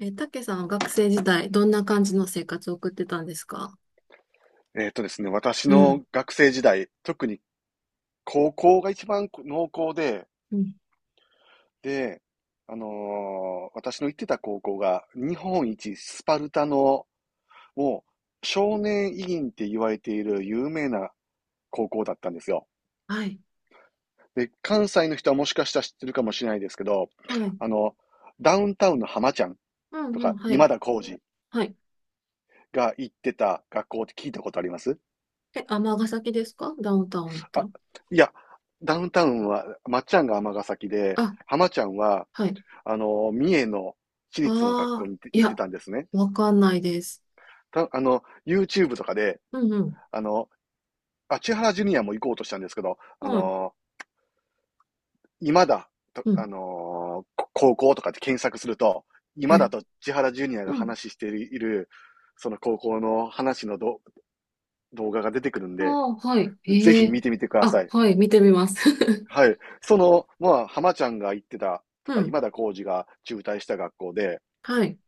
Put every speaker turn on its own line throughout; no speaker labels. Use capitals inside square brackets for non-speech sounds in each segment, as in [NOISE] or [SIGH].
え、たけさん、は学生時代、どんな感じの生活を送ってたんですか？
えっとですね、私
う
の
ん。
学生時代、特に高校が一番濃厚で、
うん。
で、私の行ってた高校が日本一スパルタの、もう少年委員って言われている有名な高校だったんですよ。
はい。
で、関西の人はもしかしたら知ってるかもしれないですけど、
はい。
あの、ダウンタウンの浜ちゃん
うん
と
うん。
か
は
今
い。
田耕司
はい。
が行ってた学校って聞いたことあります？
え、尼崎ですか？ダウンタウンだった
あ、
ら。
いや、ダウンタウンは、まっちゃんが尼崎で、
あ、
浜ちゃんは
はい。
三重の私
あ
立の学校
あ、
に行って
い
行って
や、
たんですね。
わかんないです。
た、あの、YouTube とかで、
うんうん。
あの、千原ジュニアも行こうとしたんですけど、
はい。
今だ、と
うん。
高校とかって検索すると、今
え、
だと千原ジュニア
う
が
ん。
話している、その高校の話の動画が出てくるん
あ
で、
あ、はい。
ぜ
え
ひ
え。
見てみてくださ
あ、
い。
はい。見てみます。
はい。その、まあ、浜ちゃんが行ってた
[LAUGHS]
と
う
か、
ん。
今田耕司が中退した学校で、
はい。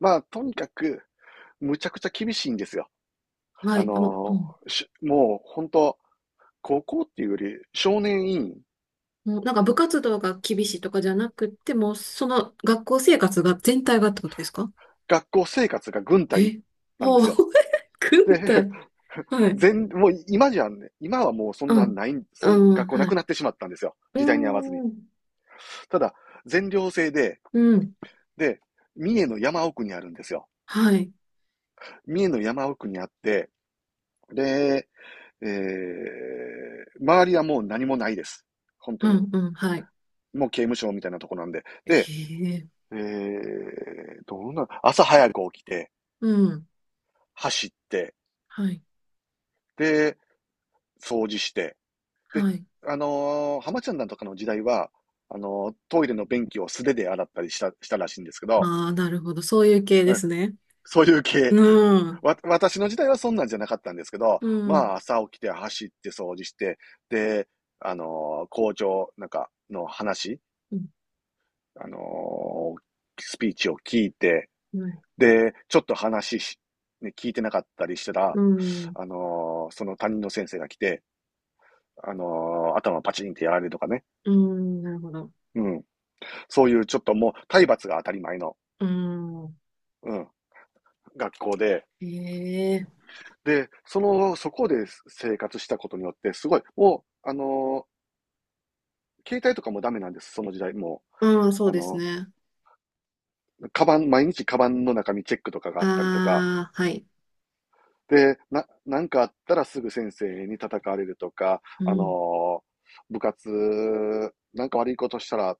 まあ、とにかく、むちゃくちゃ厳しいんですよ。
は
あ
い。あ、もう、う
の、
ん。
もう本当、高校っていうより少年院、
もうなんか部活動が厳しいとかじゃなくて、もうその学校生活が全体がってことですか？
学校生活が軍隊
え。
なんで
は
す
あ、
よ。
[LAUGHS]
で、
軍隊。は
[LAUGHS]
い。
もう今じゃね、今はもうそん
う
な
ん。
ない
う
そん、
ん、
学校な
はい。
くなってしまったんですよ。
う
時代に合わずに。
ーん。
ただ、全寮制で、
うん。
で、三重の山奥にあるんですよ。
はい。
三重の山奥にあって、で、周りはもう何もないです。本当
う
に。
ん、うん、はい。
もう刑務所みたいなとこなんで。
へ
で、
え。
えー、どうな、朝早く起きて、
うん。
走って、
はい。
で、掃除して、で、
はい。
浜ちゃんなんとかの時代は、トイレの便器を素手で洗ったりしたらしいんですけど、
ああ、なるほど。そういう系で
うん、
すね。
そういう系。
うん。
私の時代はそんなんじゃなかったんですけど、
う
ま
ん。
あ、朝起きて走って掃除して、で、校長なんかの話、
うん。
あのースピーチを聞いて、
はい。
で、ちょっと話し、ね、聞いてなかったりした
う
ら、
ん。
その担任の先生が来て、頭パチンってやられるとかね。
うん。なるほど。
うん。そういうちょっともう体罰が当たり前の、
うん。
うん、学校で。
へえ。
で、その、そこで生活したことによって、すごい、もう、携帯とかもダメなんです、その時代。も
うん、そ
う、
うですね。
カバン、毎日カバンの中身チェックとかがあったりとか、
ああ、はい。
で、なんかあったらすぐ先生に叩かれるとか、
うん。
部活、なんか悪いことしたら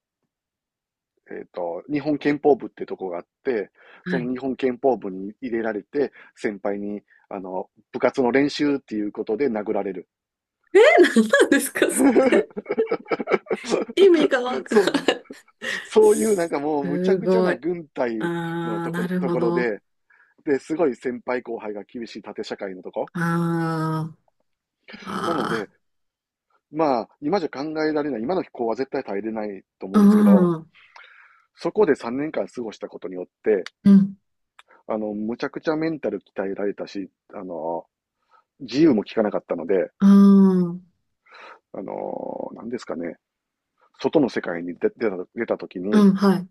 えっと、日本憲法部ってとこがあって、
は
その
い。
日本憲法部に入れられて、先輩に、あの、部活の練習っていうことで殴られる。
[LAUGHS] え、何なんですか、それ。
[LAUGHS]
意味がわか
そ
ん
う、
ない。
そういうなん
す
かもうむちゃくちゃ
ごい。
な軍
あ
隊の
あ、なる
と
ほ
ころ
ど。
で、で、すごい先輩後輩が厳しい縦社会のとこ。
あー。
なの
あ
で、まあ、今じゃ考えられない、今の子は絶対耐えれないと思
ー、う
うんですけど、
ん、う
そこで3年間過ごしたことによって、
ん、
あの、むちゃくちゃメンタル鍛えられたし、あの、自由も利かなかったので、
うん、
何ですかね、外の世界に出た時に、
うん、はい。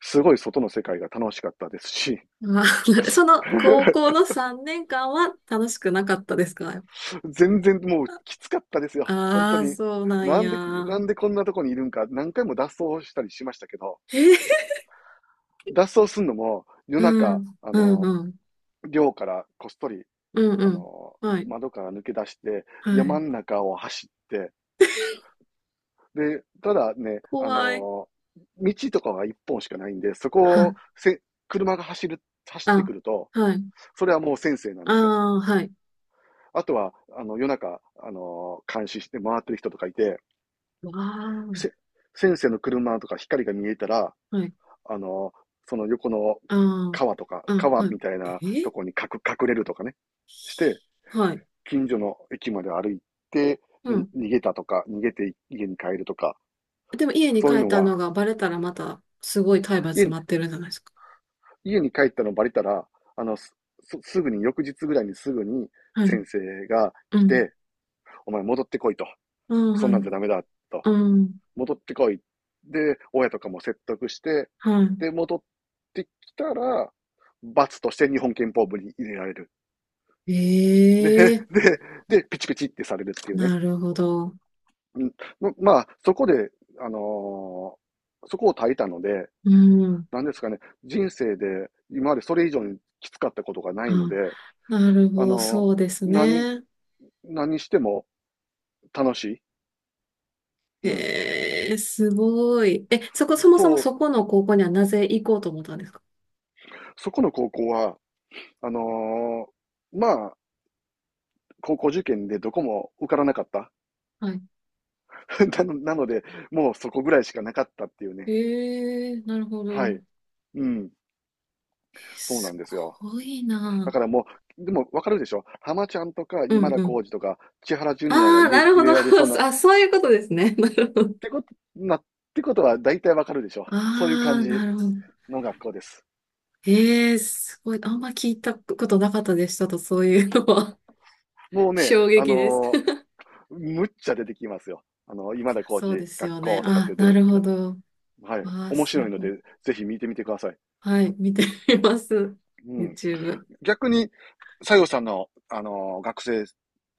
すごい外の世界が楽しかったですし、
あー [LAUGHS] なるその高校
[LAUGHS]
の3年間は楽しくなかったですか？
全然もうきつかったですよ、本
あ
当
[LAUGHS] あー、
に。
そうなんや。
なんでこんなとこにいるんか、何回も脱走したりしましたけど、
えー、
脱走するのも
[LAUGHS]
夜
う
中、
ん、うん、うん、
寮からこっそり、
うん、う
あ
ん。
の
はい、
窓から抜け出して、
は
山
い。
ん中を走って、で、ただね、
怖い。
道とかは一本しかないんで、そこ
は
をせ車が走る、走って
あ、
くると、
はい、
それはもう先生なん
あ
ですよ。
あ、はい。
あとは、あの、夜中、監視して回ってる人とかいて、
わ
せ
あ、
先生の車とか光が見えたら、
はい、
あのーその横の
あ
川とか、
あ、うん、
川
は
み
い。
たい
え
なと
ー
こに隠れるとかね、して、
[LAUGHS] はい、
近所の駅まで歩いて、
う
に
ん。
逃げたとか、逃げて家に帰るとか、
でも家に
そう
帰
いう
っ
の
たの
は、
がバレたらまたすごい体罰
家
待ってるんじゃないですか。
家に帰ったのバレたら、あの、すすぐに、翌日ぐらいにすぐに
はい。
先生が
う
来
ん。
て、お前戻ってこいと。
ああ、
そ
は
ん
い。
なんじゃダメだと。
うん。
戻ってこい。で、親とかも説得して、
は
で、戻ってきたら、罰として日本憲法部に入れられる。
い。
で、
ええ、
で、で、ピチピチってされるっていうね。
なるほど。
うん、まあ、そこで、あのーそこを耐えたので、
うん。
なんですかね、人生で今までそれ以上にきつかったことがないの
あ、
で、
なる
あ
ほど。
の、
そうです
何、
ね。
何しても楽しい。うん。
ええ、すごい。え、そもそも
そう、
そこの高校にはなぜ行こうと思ったんですか？
そこの高校は、あのまあ、高校受験でどこも受からなかった。
はい。
[LAUGHS] なので、もうそこぐらいしかなかったっていうね。
ええ、なるほ
は
ど。
い。うん。そうな
す
んですよ。
ごい
だ
な。
からもう、でもわかるでしょ？浜ちゃんとか
うん
今田
うん。
耕司とか千原ジュニアが
ああ、なる
入
ほ
れ
ど。
られそうな、
[LAUGHS]
っ
あ、そういうことですね。[LAUGHS] なるほど。
てこと、な、ってことは大体わかるでしょ？そういう
あ
感
あ、
じ
なるほど。
の学校です。
ええ、すごい。あんま聞いたことなかったでしたと、そういうのは？
もう
[LAUGHS]
ね、
衝
あ
撃です。
のむっちゃ出てきますよ。あの、今田
[LAUGHS]
コ
そう
ー
です
学
よね。
校とかっ
あ、
て出
な
て
る
き
ほ
た。
ど。
はい。
わあ、
面
す
白いの
ごい。
で、ぜひ見てみてください。
はい、見てみます。
うん。
YouTube。
逆に、西郷さんの、あの、学生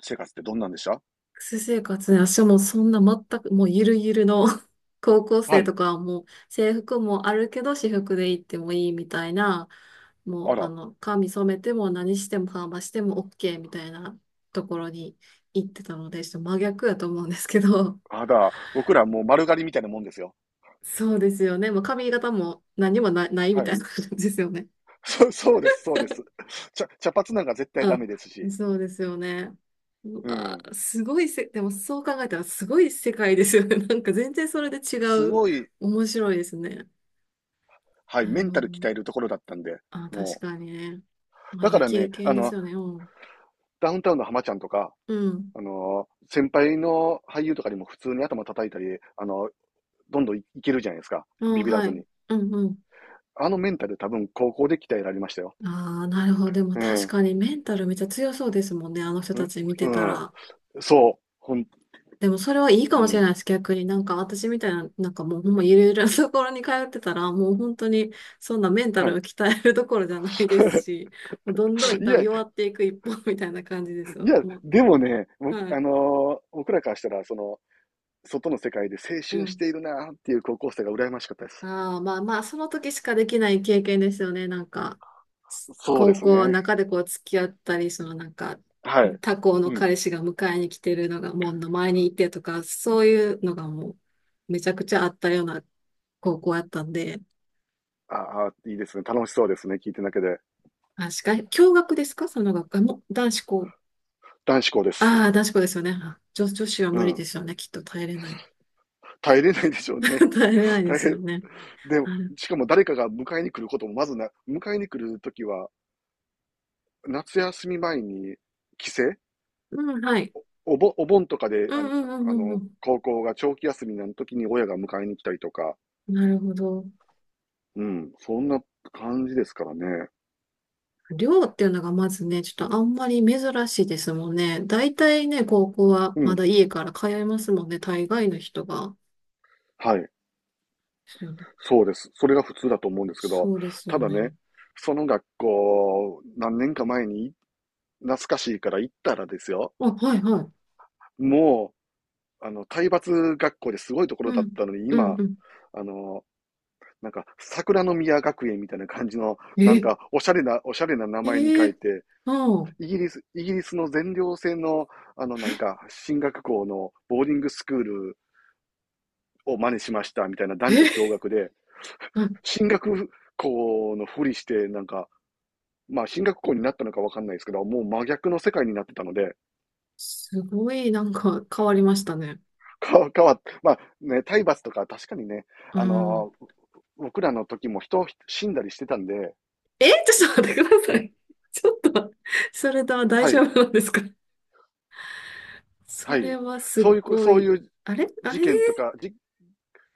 生活ってどんなんでした？
学生生活ね、私もそんな全く、もうゆるゆるの [LAUGHS] 高校
は
生
い。
とかはもう制服もあるけど、私服で行ってもいいみたいな、も
あ
う、
ら。
髪染めても何してもパーマしても OK みたいなところに行ってたので、ちょっと真逆やと思うんですけど、
あら、僕らもう丸刈りみたいなもんですよ。
そうですよね。もう髪型も何もないみ
は
た
い。
いな感じですよね。
[LAUGHS] そうです、そうです。茶髪なんか絶対
う
ダメです
ん。
し。
そうですよね。う
う
わ
ん。
ー、すごいでもそう考えたらすごい世界ですよね。[LAUGHS] なんか全然それで違
す
う。
ごい、
面白いですね。
はい、
な
メ
る
ン
ほ
タ
ど。
ル鍛えるところだったんで、
あ、確
も
かにね。
う。
まあ、
だ
い
か
い
ら
経
ね、
験
あ
です
の、
よね。うん。
ダウンタウンの浜ちゃんとか、
うん。
あの、先輩の俳優とかにも普通に頭叩いたり、あの、どんどんいけるじゃないですか。
うん、
ビビら
は
ず
い。
に。
うんうん。
あのメンタル多分高校で鍛えられましたよ。
ああ、なるほど。でも
う
確
ん。
かにメンタルめっちゃ強そうですもんね。あの人
う
たち見てた
んうん。
ら。
そう。ほん、
でもそれはいい
う
かもしれない
ん。
です。逆になんか私みたいな、なんかもうほんまゆるゆるな [LAUGHS] ところに通ってたら、もう本当にそんなメンタル
は
を
い。
鍛えるどころじゃないです
[LAUGHS]
し、もうどんどん多分
い
弱っていく一方 [LAUGHS] みたいな感じですよ。
や、
も
でもね、
う、
僕、
はい。
僕らからしたら、その、外の世界で青
う
春し
ん。
ているなっていう高校生が羨ましかったです。
ああ、まあまあ、その時しかできない経験ですよね。なんか、
そうで
高
すね。
校の中でこう付き合ったり、そのなんか、
はい。
他校の
うん。
彼氏が迎えに来てるのが門の前にいてとか、そういうのがもうめちゃくちゃあったような高校やったんで、
ああ、いいですね。楽しそうですね。聞いてるだけで。
確かに。共学ですか？その学科も。男子校？
男子校です。
ああ、男子校ですよね。あ、女子は
う
無理
ん。
ですよね。きっと耐えれない。
耐えれないでしょうね。
[LAUGHS] 耐えれない
[LAUGHS]
で
大
すよ
変。
ね。
でも、
ある。
しかも誰かが迎えに来ることもまずな、迎えに来るときは、夏休み前に帰省
うん、はい。
お盆とかで
うんうんう
あ
んう
の、
ん
高校が長期休みの時に親が迎えに来たりとか、
うん。なるほど。
うん、そんな感じですからね。
寮っていうのがまずね、ちょっとあんまり珍しいですもんね。大体ね、高校は
う
ま
ん、
だ家から通いますもんね。大概の人が。
はい、
ですよね。
そうです。それが普通だと思うんですけど、
そうですよ
ただ
ね。
ね、その学校、何年か前に懐かしいから行ったらですよ、
あ、はいはい。
もう、あの、体罰学校ですごいところ
う
だっ
ん。
たのに、
う
今、
んうん。
あの、なんか、桜の宮学園みたいな感じの、なん
え、
か、おしゃれな名
え
前に書
ー、
いて、
ああ。
イギリスの全寮制の、あの、なんか、進学校のボーディングスクールを真似しましたみたいな男女
え
共学で、
[LAUGHS]
進学校のふりして、なんか、まあ、進学校になったのかわかんないですけど、もう真逆の世界になってたので、
すごいなんか変わりましたね。
[LAUGHS] まあね、体罰とか確かにね、
う
あ
ん。
のー僕らの時も人死んだりしてたんで、
え、[LAUGHS] ちょっと待ってください。ちょっと、それとは大
は
丈
い、
夫なんですか？
は
それ
い。
はす
そういうこ、
ご
そう
い。
いう
あれあ
事
れ。
件とか、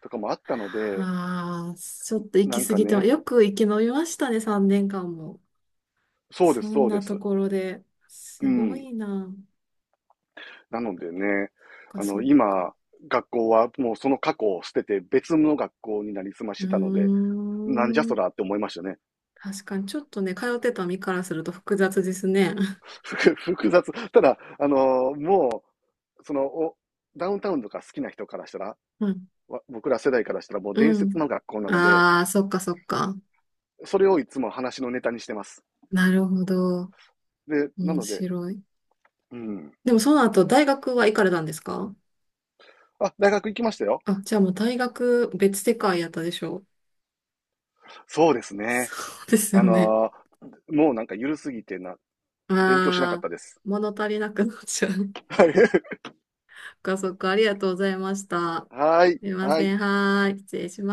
とかもあったので、
ああー、ちょっと行
な
き
ん
過
か
ぎて
ね、
よく生き延びましたね、3年間も。
そうです、
そん
そうで
なと
す。
ころで。
う
すご
ん。
いな。
なのでね、
そっか、
あ
そ
の、
っか。
今、学校はもうその過去を捨てて別の学校になりすまし
う
てたので、なんじゃ
ー
そ
ん。
らって思いましたね。
確かに、ちょっとね、通ってた身からすると複雑ですね。
ふ複雑。ただ、あのもう、その、お、ダウンタウンとか好きな人からしたら、
[LAUGHS] うん。
僕ら世代からしたらもう伝
う
説
ん。
の学校なので、
ああ、そっか、そっか。
それをいつも話のネタにしてます。
なるほど。
で、な
面
ので、
白い。
うん。
でもその後、大学は行かれたんですか？
あ、大学行きましたよ。
あ、じゃあもう大学別世界やったでしょ？
そうです
そ
ね。
うです
あ
よね。
のーもうなんかゆるすぎてな、勉強しなかっ
ああ、
たです。
物足りなくなっちゃう。そ
は
っかそっか、ありがとうございました。
い。
すいま
は
せ
い。
ん。はーい。失礼します。